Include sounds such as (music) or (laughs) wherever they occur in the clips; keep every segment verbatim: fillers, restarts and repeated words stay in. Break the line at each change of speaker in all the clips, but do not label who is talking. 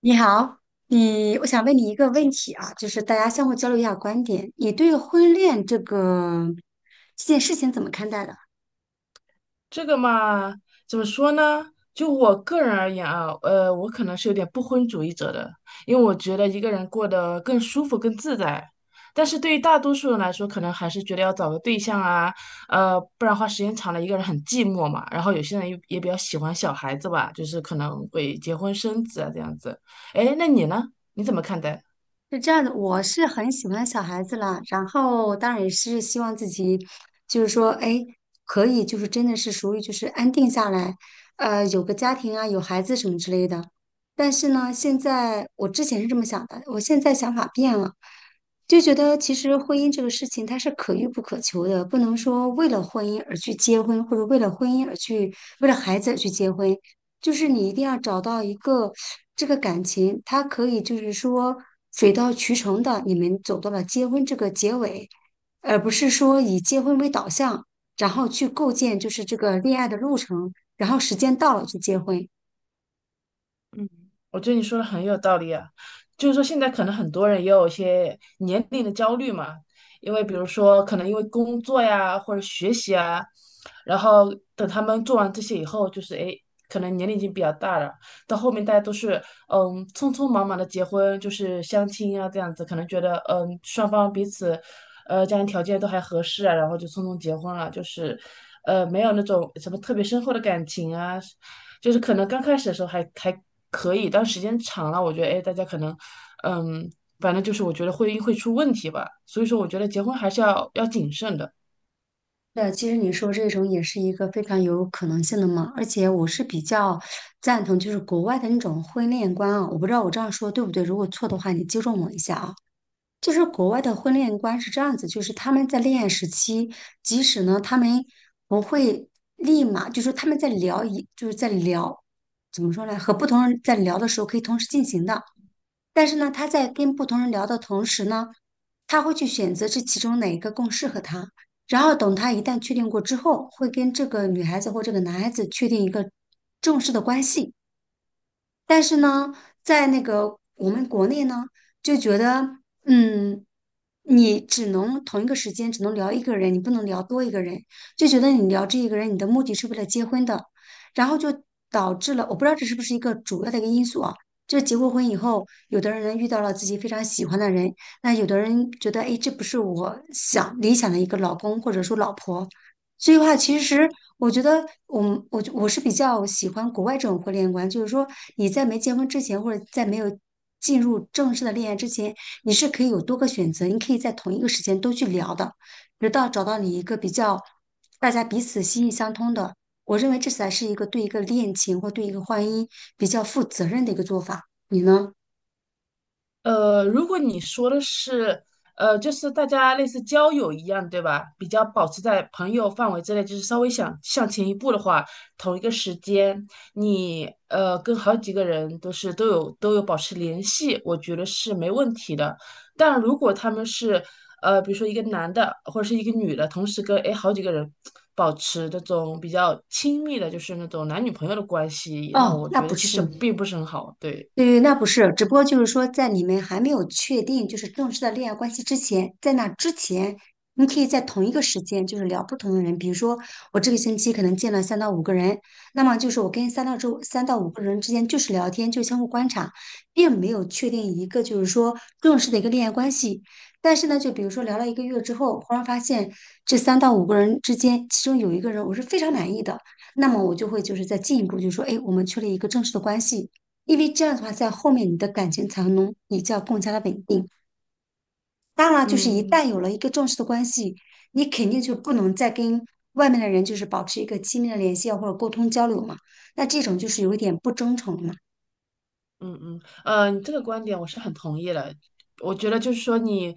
你好，你我想问你一个问题啊，就是大家相互交流一下观点，你对婚恋这个这件事情怎么看待的？
这个嘛，怎么说呢？就我个人而言啊，呃，我可能是有点不婚主义者的，因为我觉得一个人过得更舒服、更自在。但是对于大多数人来说，可能还是觉得要找个对象啊，呃，不然话时间长了一个人很寂寞嘛。然后有些人也也比较喜欢小孩子吧，就是可能会结婚生子啊这样子。哎，那你呢？你怎么看待？
是这样的，我是很喜欢小孩子啦，然后当然也是希望自己，就是说，哎，可以，就是真的是属于就是安定下来，呃，有个家庭啊，有孩子什么之类的。但是呢，现在我之前是这么想的，我现在想法变了，就觉得其实婚姻这个事情它是可遇不可求的，不能说为了婚姻而去结婚，或者为了婚姻而去，为了孩子而去结婚，就是你一定要找到一个这个感情，它可以就是说水到渠成的，你们走到了结婚这个结尾，而不是说以结婚为导向，然后去构建就是这个恋爱的路程，然后时间到了就结婚。
嗯，我觉得你说的很有道理啊，就是说现在可能很多人也有一些年龄的焦虑嘛，因为比如说可能因为工作呀或者学习啊，然后等他们做完这些以后，就是诶，可能年龄已经比较大了，到后面大家都是嗯匆匆忙忙的结婚，就是相亲啊这样子，可能觉得嗯双方彼此呃家庭条件都还合适啊，然后就匆匆结婚了，就是呃没有那种什么特别深厚的感情啊，就是可能刚开始的时候还还可以，但时间长了，我觉得哎，大家可能，嗯，反正就是我觉得会会出问题吧。所以说，我觉得结婚还是要要谨慎的。
对，其实你说这种也是一个非常有可能性的嘛，而且我是比较赞同就是国外的那种婚恋观啊，我不知道我这样说对不对，如果错的话你纠正我一下啊。就是国外的婚恋观是这样子，就是他们在恋爱时期，即使呢他们不会立马，就是他们在聊一，就是在聊，怎么说呢？和不同人在聊的时候可以同时进行的，但是呢，他在跟不同人聊的同时呢，他会去选择这其中哪一个更适合他，然后等他一旦确定过之后，会跟这个女孩子或这个男孩子确定一个正式的关系。但是呢，在那个我们国内呢，就觉得嗯。你只能同一个时间只能聊一个人，你不能聊多一个人，就觉得你聊这一个人，你的目的是为了结婚的，然后就导致了，我不知道这是不是一个主要的一个因素啊。就是结过婚以后，有的人遇到了自己非常喜欢的人，那有的人觉得，哎，这不是我想理想的一个老公或者说老婆。所以的话，其实我觉得我们，我我我是比较喜欢国外这种婚恋观，就是说你在没结婚之前，或者在没有进入正式的恋爱之前，你是可以有多个选择，你可以在同一个时间都去聊的，直到找到你一个比较大家彼此心意相通的。我认为这才是一个对一个恋情或对一个婚姻比较负责任的一个做法。你呢？
呃，如果你说的是，呃，就是大家类似交友一样，对吧？比较保持在朋友范围之内，就是稍微想向前一步的话，同一个时间，你呃跟好几个人都是都有都有保持联系，我觉得是没问题的。但如果他们是呃，比如说一个男的或者是一个女的，同时跟诶好几个人保持那种比较亲密的，就是那种男女朋友的关系，那
哦，
我
那
觉得
不
其
是。
实并不是很好，对。
对，那不是，只不过就是说，在你们还没有确定就是正式的恋爱关系之前，在那之前，你可以在同一个时间就是聊不同的人。比如说，我这个星期可能见了三到五个人，那么就是我跟三到周三到五个人之间就是聊天，就相互观察，并没有确定一个就是说正式的一个恋爱关系。但是呢，就比如说聊了一个月之后，忽然发现这三到五个人之间，其中有一个人我是非常满意的，那么我就会就是再进一步就说，哎，我们确立一个正式的关系。因为这样的话，在后面你的感情才能比较更加的稳定。当然了，就是一旦
嗯，
有了一个正式的关系，你肯定就不能再跟外面的人就是保持一个亲密的联系啊或者沟通交流嘛。那这种就是有一点不真诚了嘛。
嗯嗯呃，你这个观点我是很同意的。我觉得就是说，你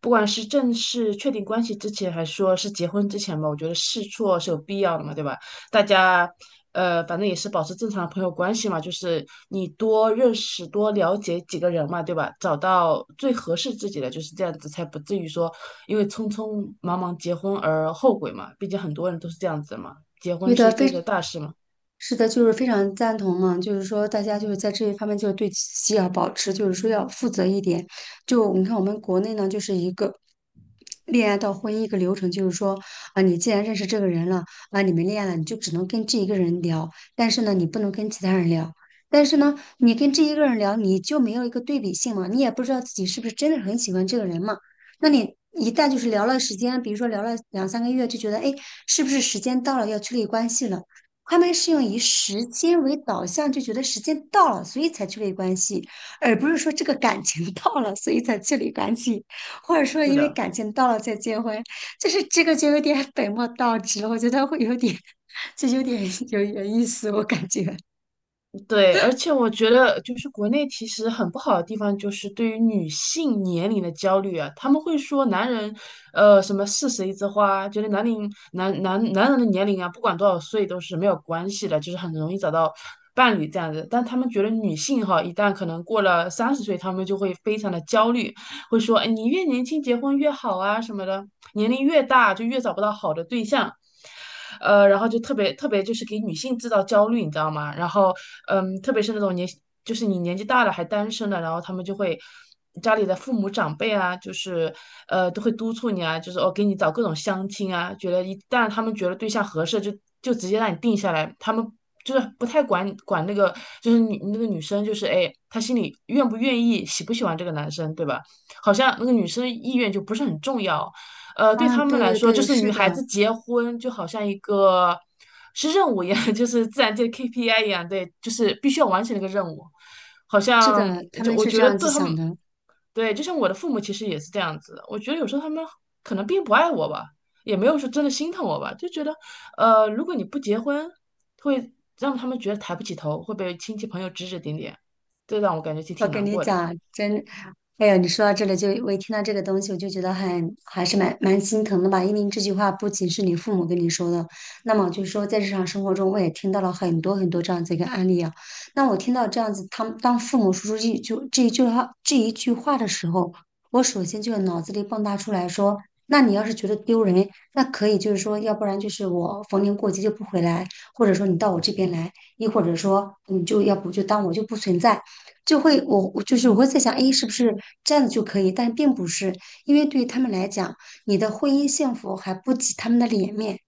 不管是正式确定关系之前，还是说是结婚之前嘛，我觉得试错是有必要的嘛，对吧？大家呃，反正也是保持正常的朋友关系嘛，就是你多认识、多了解几个人嘛，对吧？找到最合适自己的，就是这样子，才不至于说因为匆匆忙忙结婚而后悔嘛。毕竟很多人都是这样子的嘛，结
有
婚是
的
一辈子的
非
大事嘛。
是的，就是非常赞同嘛，就是说大家就是在这一方面，就是对自己要保持，就是说要负责一点。就你看我们国内呢，就是一个恋爱到婚姻一个流程，就是说啊，你既然认识这个人了啊，你们恋爱了，你就只能跟这一个人聊，但是呢，你不能跟其他人聊。但是呢，你跟这一个人聊，你就没有一个对比性嘛，你也不知道自己是不是真的很喜欢这个人嘛。那你一旦就是聊了时间，比如说聊了两三个月，就觉得哎，诶是不是时间到了要确立关系了？他们是用以时间为导向，就觉得时间到了，所以才确立关系，而不是说这个感情 (laughs) 到了，所以才确立关系，或者说
是
因为
的。
感情到了再结婚，就是这个就有点 (laughs) 本末倒置了。我觉得会有点，就有点 (laughs) 有点意思，我感觉。
对，而且我觉得就是国内其实很不好的地方，就是对于女性年龄的焦虑啊，他们会说男人，呃，什么四十一枝花，觉得男龄男男男人的年龄啊，不管多少岁都是没有关系的，就是很容易找到伴侣这样子。但他们觉得女性哈，一旦可能过了三十岁，他们就会非常的焦虑，会说，哎，你越年轻结婚越好啊什么的，年龄越大就越找不到好的对象。呃，然后就特别特别就是给女性制造焦虑，你知道吗？然后，嗯，特别是那种年，就是你年纪大了还单身的，然后他们就会家里的父母长辈啊，就是呃都会督促你啊，就是哦给你找各种相亲啊，觉得一旦他们觉得对象合适，就就直接让你定下来，他们。就是不太管管那个，就是女那个女生，就是哎，她心里愿不愿意，喜不喜欢这个男生，对吧？好像那个女生意愿就不是很重要。呃，对他
嗯，
们
对
来
对
说，就
对，
是
是
女孩
的，
子结婚就好像一个是任务一样，(laughs) 就是自然界的 K P I 一样，对，就是必须要完成那个任务。好
是
像
的，他
就
们
我
是这
觉得
样子
对他们，
想的。
对，就像我的父母其实也是这样子的。我觉得有时候他们可能并不爱我吧，也没有说真的心疼我吧，就觉得呃，如果你不结婚，会让他们觉得抬不起头，会被亲戚朋友指指点点，这让我感觉挺
我
挺
跟
难
你
过的。
讲，真哎呀，你说到这里就，我一听到这个东西，我就觉得很还是蛮蛮心疼的吧。因为这句话不仅是你父母跟你说的，那么就是说在日常生活中，我也听到了很多很多这样子一个案例啊。那我听到这样子，他们当父母说出这一句这一句话这一句话的时候，我首先就脑子里蹦跶出来说，那你要是觉得丢人，那可以就是说，要不然就是我逢年过节就不回来，或者说你到我这边来，亦或者说你就要不就当我就不存在。就会我我就是我会在想，哎，是不是这样子就可以？但并不是，因为对于他们来讲，你的婚姻幸福还不及他们的脸面。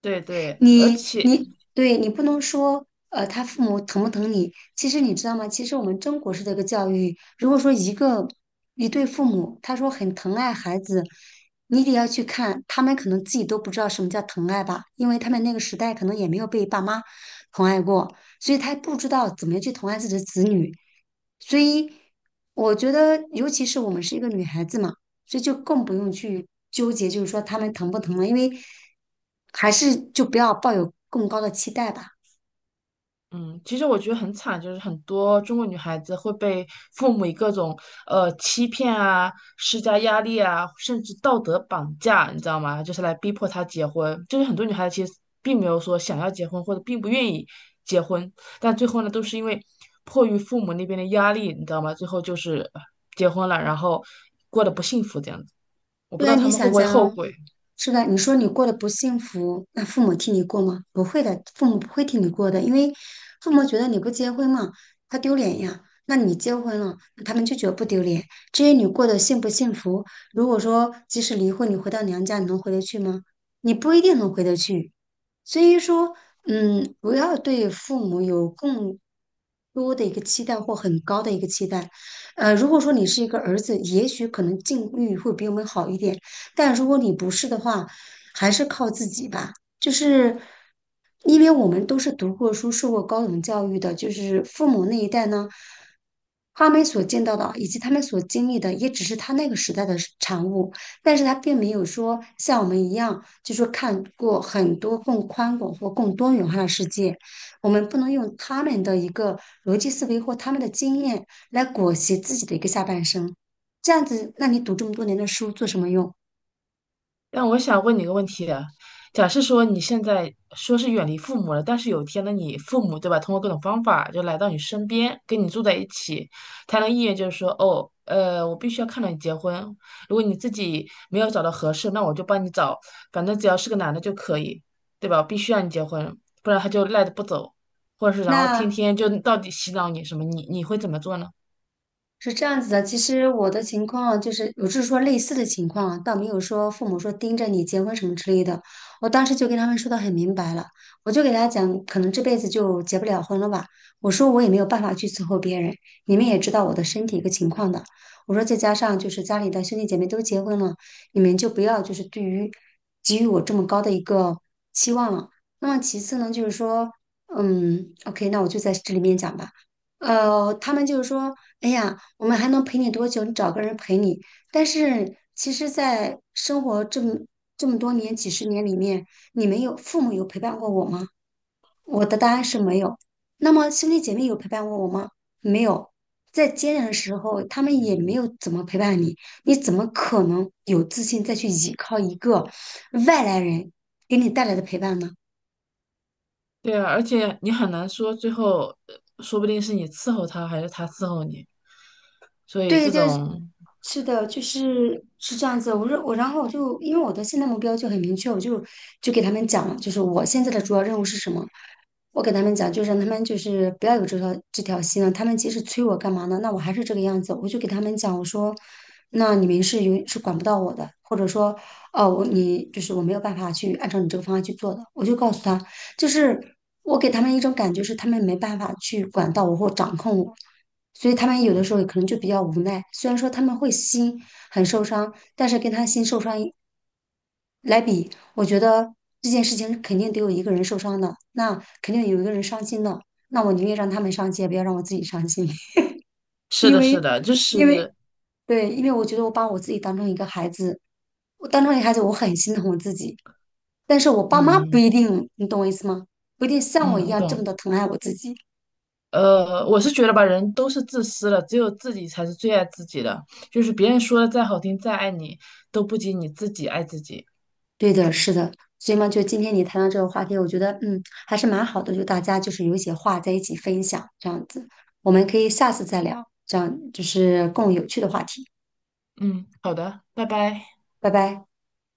对对，而
你
且
你对你不能说，呃，他父母疼不疼你？其实你知道吗？其实我们中国式的一个教育，如果说一个一对父母，他说很疼爱孩子，你得要去看，他们可能自己都不知道什么叫疼爱吧，因为他们那个时代可能也没有被爸妈疼爱过，所以他不知道怎么样去疼爱自己的子女。所以我觉得，尤其是我们是一个女孩子嘛。所以就更不用去纠结，就是说他们疼不疼了，因为还是就不要抱有更高的期待吧。
嗯，其实我觉得很惨，就是很多中国女孩子会被父母以各种呃欺骗啊、施加压力啊，甚至道德绑架，你知道吗？就是来逼迫她结婚。就是很多女孩子其实并没有说想要结婚，或者并不愿意结婚，但最后呢，都是因为迫于父母那边的压力，你知道吗？最后就是呃结婚了，然后过得不幸福这样子。我不
对
知
啊，
道他
你
们会
想
不会
想，
后悔。
是吧？你说你过得不幸福，那父母替你过吗？不会的，父母不会替你过的，因为父母觉得你不结婚嘛，他丢脸呀。那你结婚了，他们就觉得不丢脸。至于你过得幸不幸福，如果说即使离婚，你回到娘家，你能回得去吗？你不一定能回得去。所以说，嗯，不要对父母有更多的一个期待或很高的一个期待。呃，如果说你是一个儿子，也许可能境遇会比我们好一点，但如果你不是的话，还是靠自己吧。就是因为我们都是读过书、受过高等教育的，就是父母那一代呢，他们所见到的以及他们所经历的，也只是他那个时代的产物，但是他并没有说像我们一样，就说看过很多更宽广或更多元化的世界。我们不能用他们的一个逻辑思维或他们的经验。来裹挟自己的一个下半生。这样子，那你读这么多年的书做什么用？
但我想问你个问题啊，假设说你现在说是远离父母了，但是有一天呢，你父母对吧，通过各种方法就来到你身边，跟你住在一起，他的意愿就是说，哦，呃，我必须要看到你结婚，如果你自己没有找到合适，那我就帮你找，反正只要是个男的就可以，对吧？我必须要你结婚，不然他就赖着不走，或者是然后天
那
天就到底洗脑你什么，你你会怎么做呢？
是这样子的，其实我的情况就是，我是说类似的情况啊，倒没有说父母说盯着你结婚什么之类的。我当时就跟他们说的很明白了，我就给他讲，可能这辈子就结不了婚了吧。我说我也没有办法去伺候别人，你们也知道我的身体一个情况的。我说再加上就是家里的兄弟姐妹都结婚了，你们就不要就是对于给予我这么高的一个期望了。那么其次呢，就是说，嗯，OK,那我就在这里面讲吧。呃，他们就是说，哎呀，我们还能陪你多久？你找个人陪你。但是，其实，在生活这么这么多年、几十年里面，你们有父母有陪伴过我吗？我的答案是没有。那么，兄弟姐妹有陪伴过我吗？没有。在艰难的时候，他们也没有怎么陪伴你，你怎么可能有自信再去依靠一个外来人给你带来的陪伴呢？
对啊，而且你很难说最后，呃说不定是你伺候他，还是他伺候你。所以
对，
这
就是
种
是的，就是是这样子。我说我，然后我就因为我的现在目标就很明确，我就就给他们讲了，就是我现在的主要任务是什么。我给他们讲，就是让他们就是不要有这条这条心了。他们即使催我干嘛呢？那我还是这个样子。我就给他们讲，我说，那你们是有是管不到我的，或者说，哦，我你就是我没有办法去按照你这个方案去做的。我就告诉他，就是我给他们一种感觉是他们没办法去管到我或掌控我。所以他们有的时候可能就比较无奈。虽然说他们会心很受伤，但是跟他心受伤一来比，我觉得这件事情肯定得有一个人受伤的，那肯定有一个人伤心的。那我宁愿让他们伤心，也不要让我自己伤心，(laughs)
是
因
的，是
为，
的，就
因为
是
对，因为我觉得我把我自己当成一个孩子，我当成一个孩子，我很心疼我自己，但是我爸妈不
嗯
一定，你懂我意思吗？不一定像我一
嗯，我
样这么
懂。
的疼爱我自己。
呃，我是觉得吧，人都是自私的，只有自己才是最爱自己的。就是别人说的再好听、再爱你，都不及你自己爱自己。
对的，是的，所以嘛，就今天你谈到这个话题，我觉得嗯还是蛮好的，就大家就是有一些话在一起分享这样子，我们可以下次再聊，这样就是更有趣的话题，
嗯，好的，拜拜。
拜拜。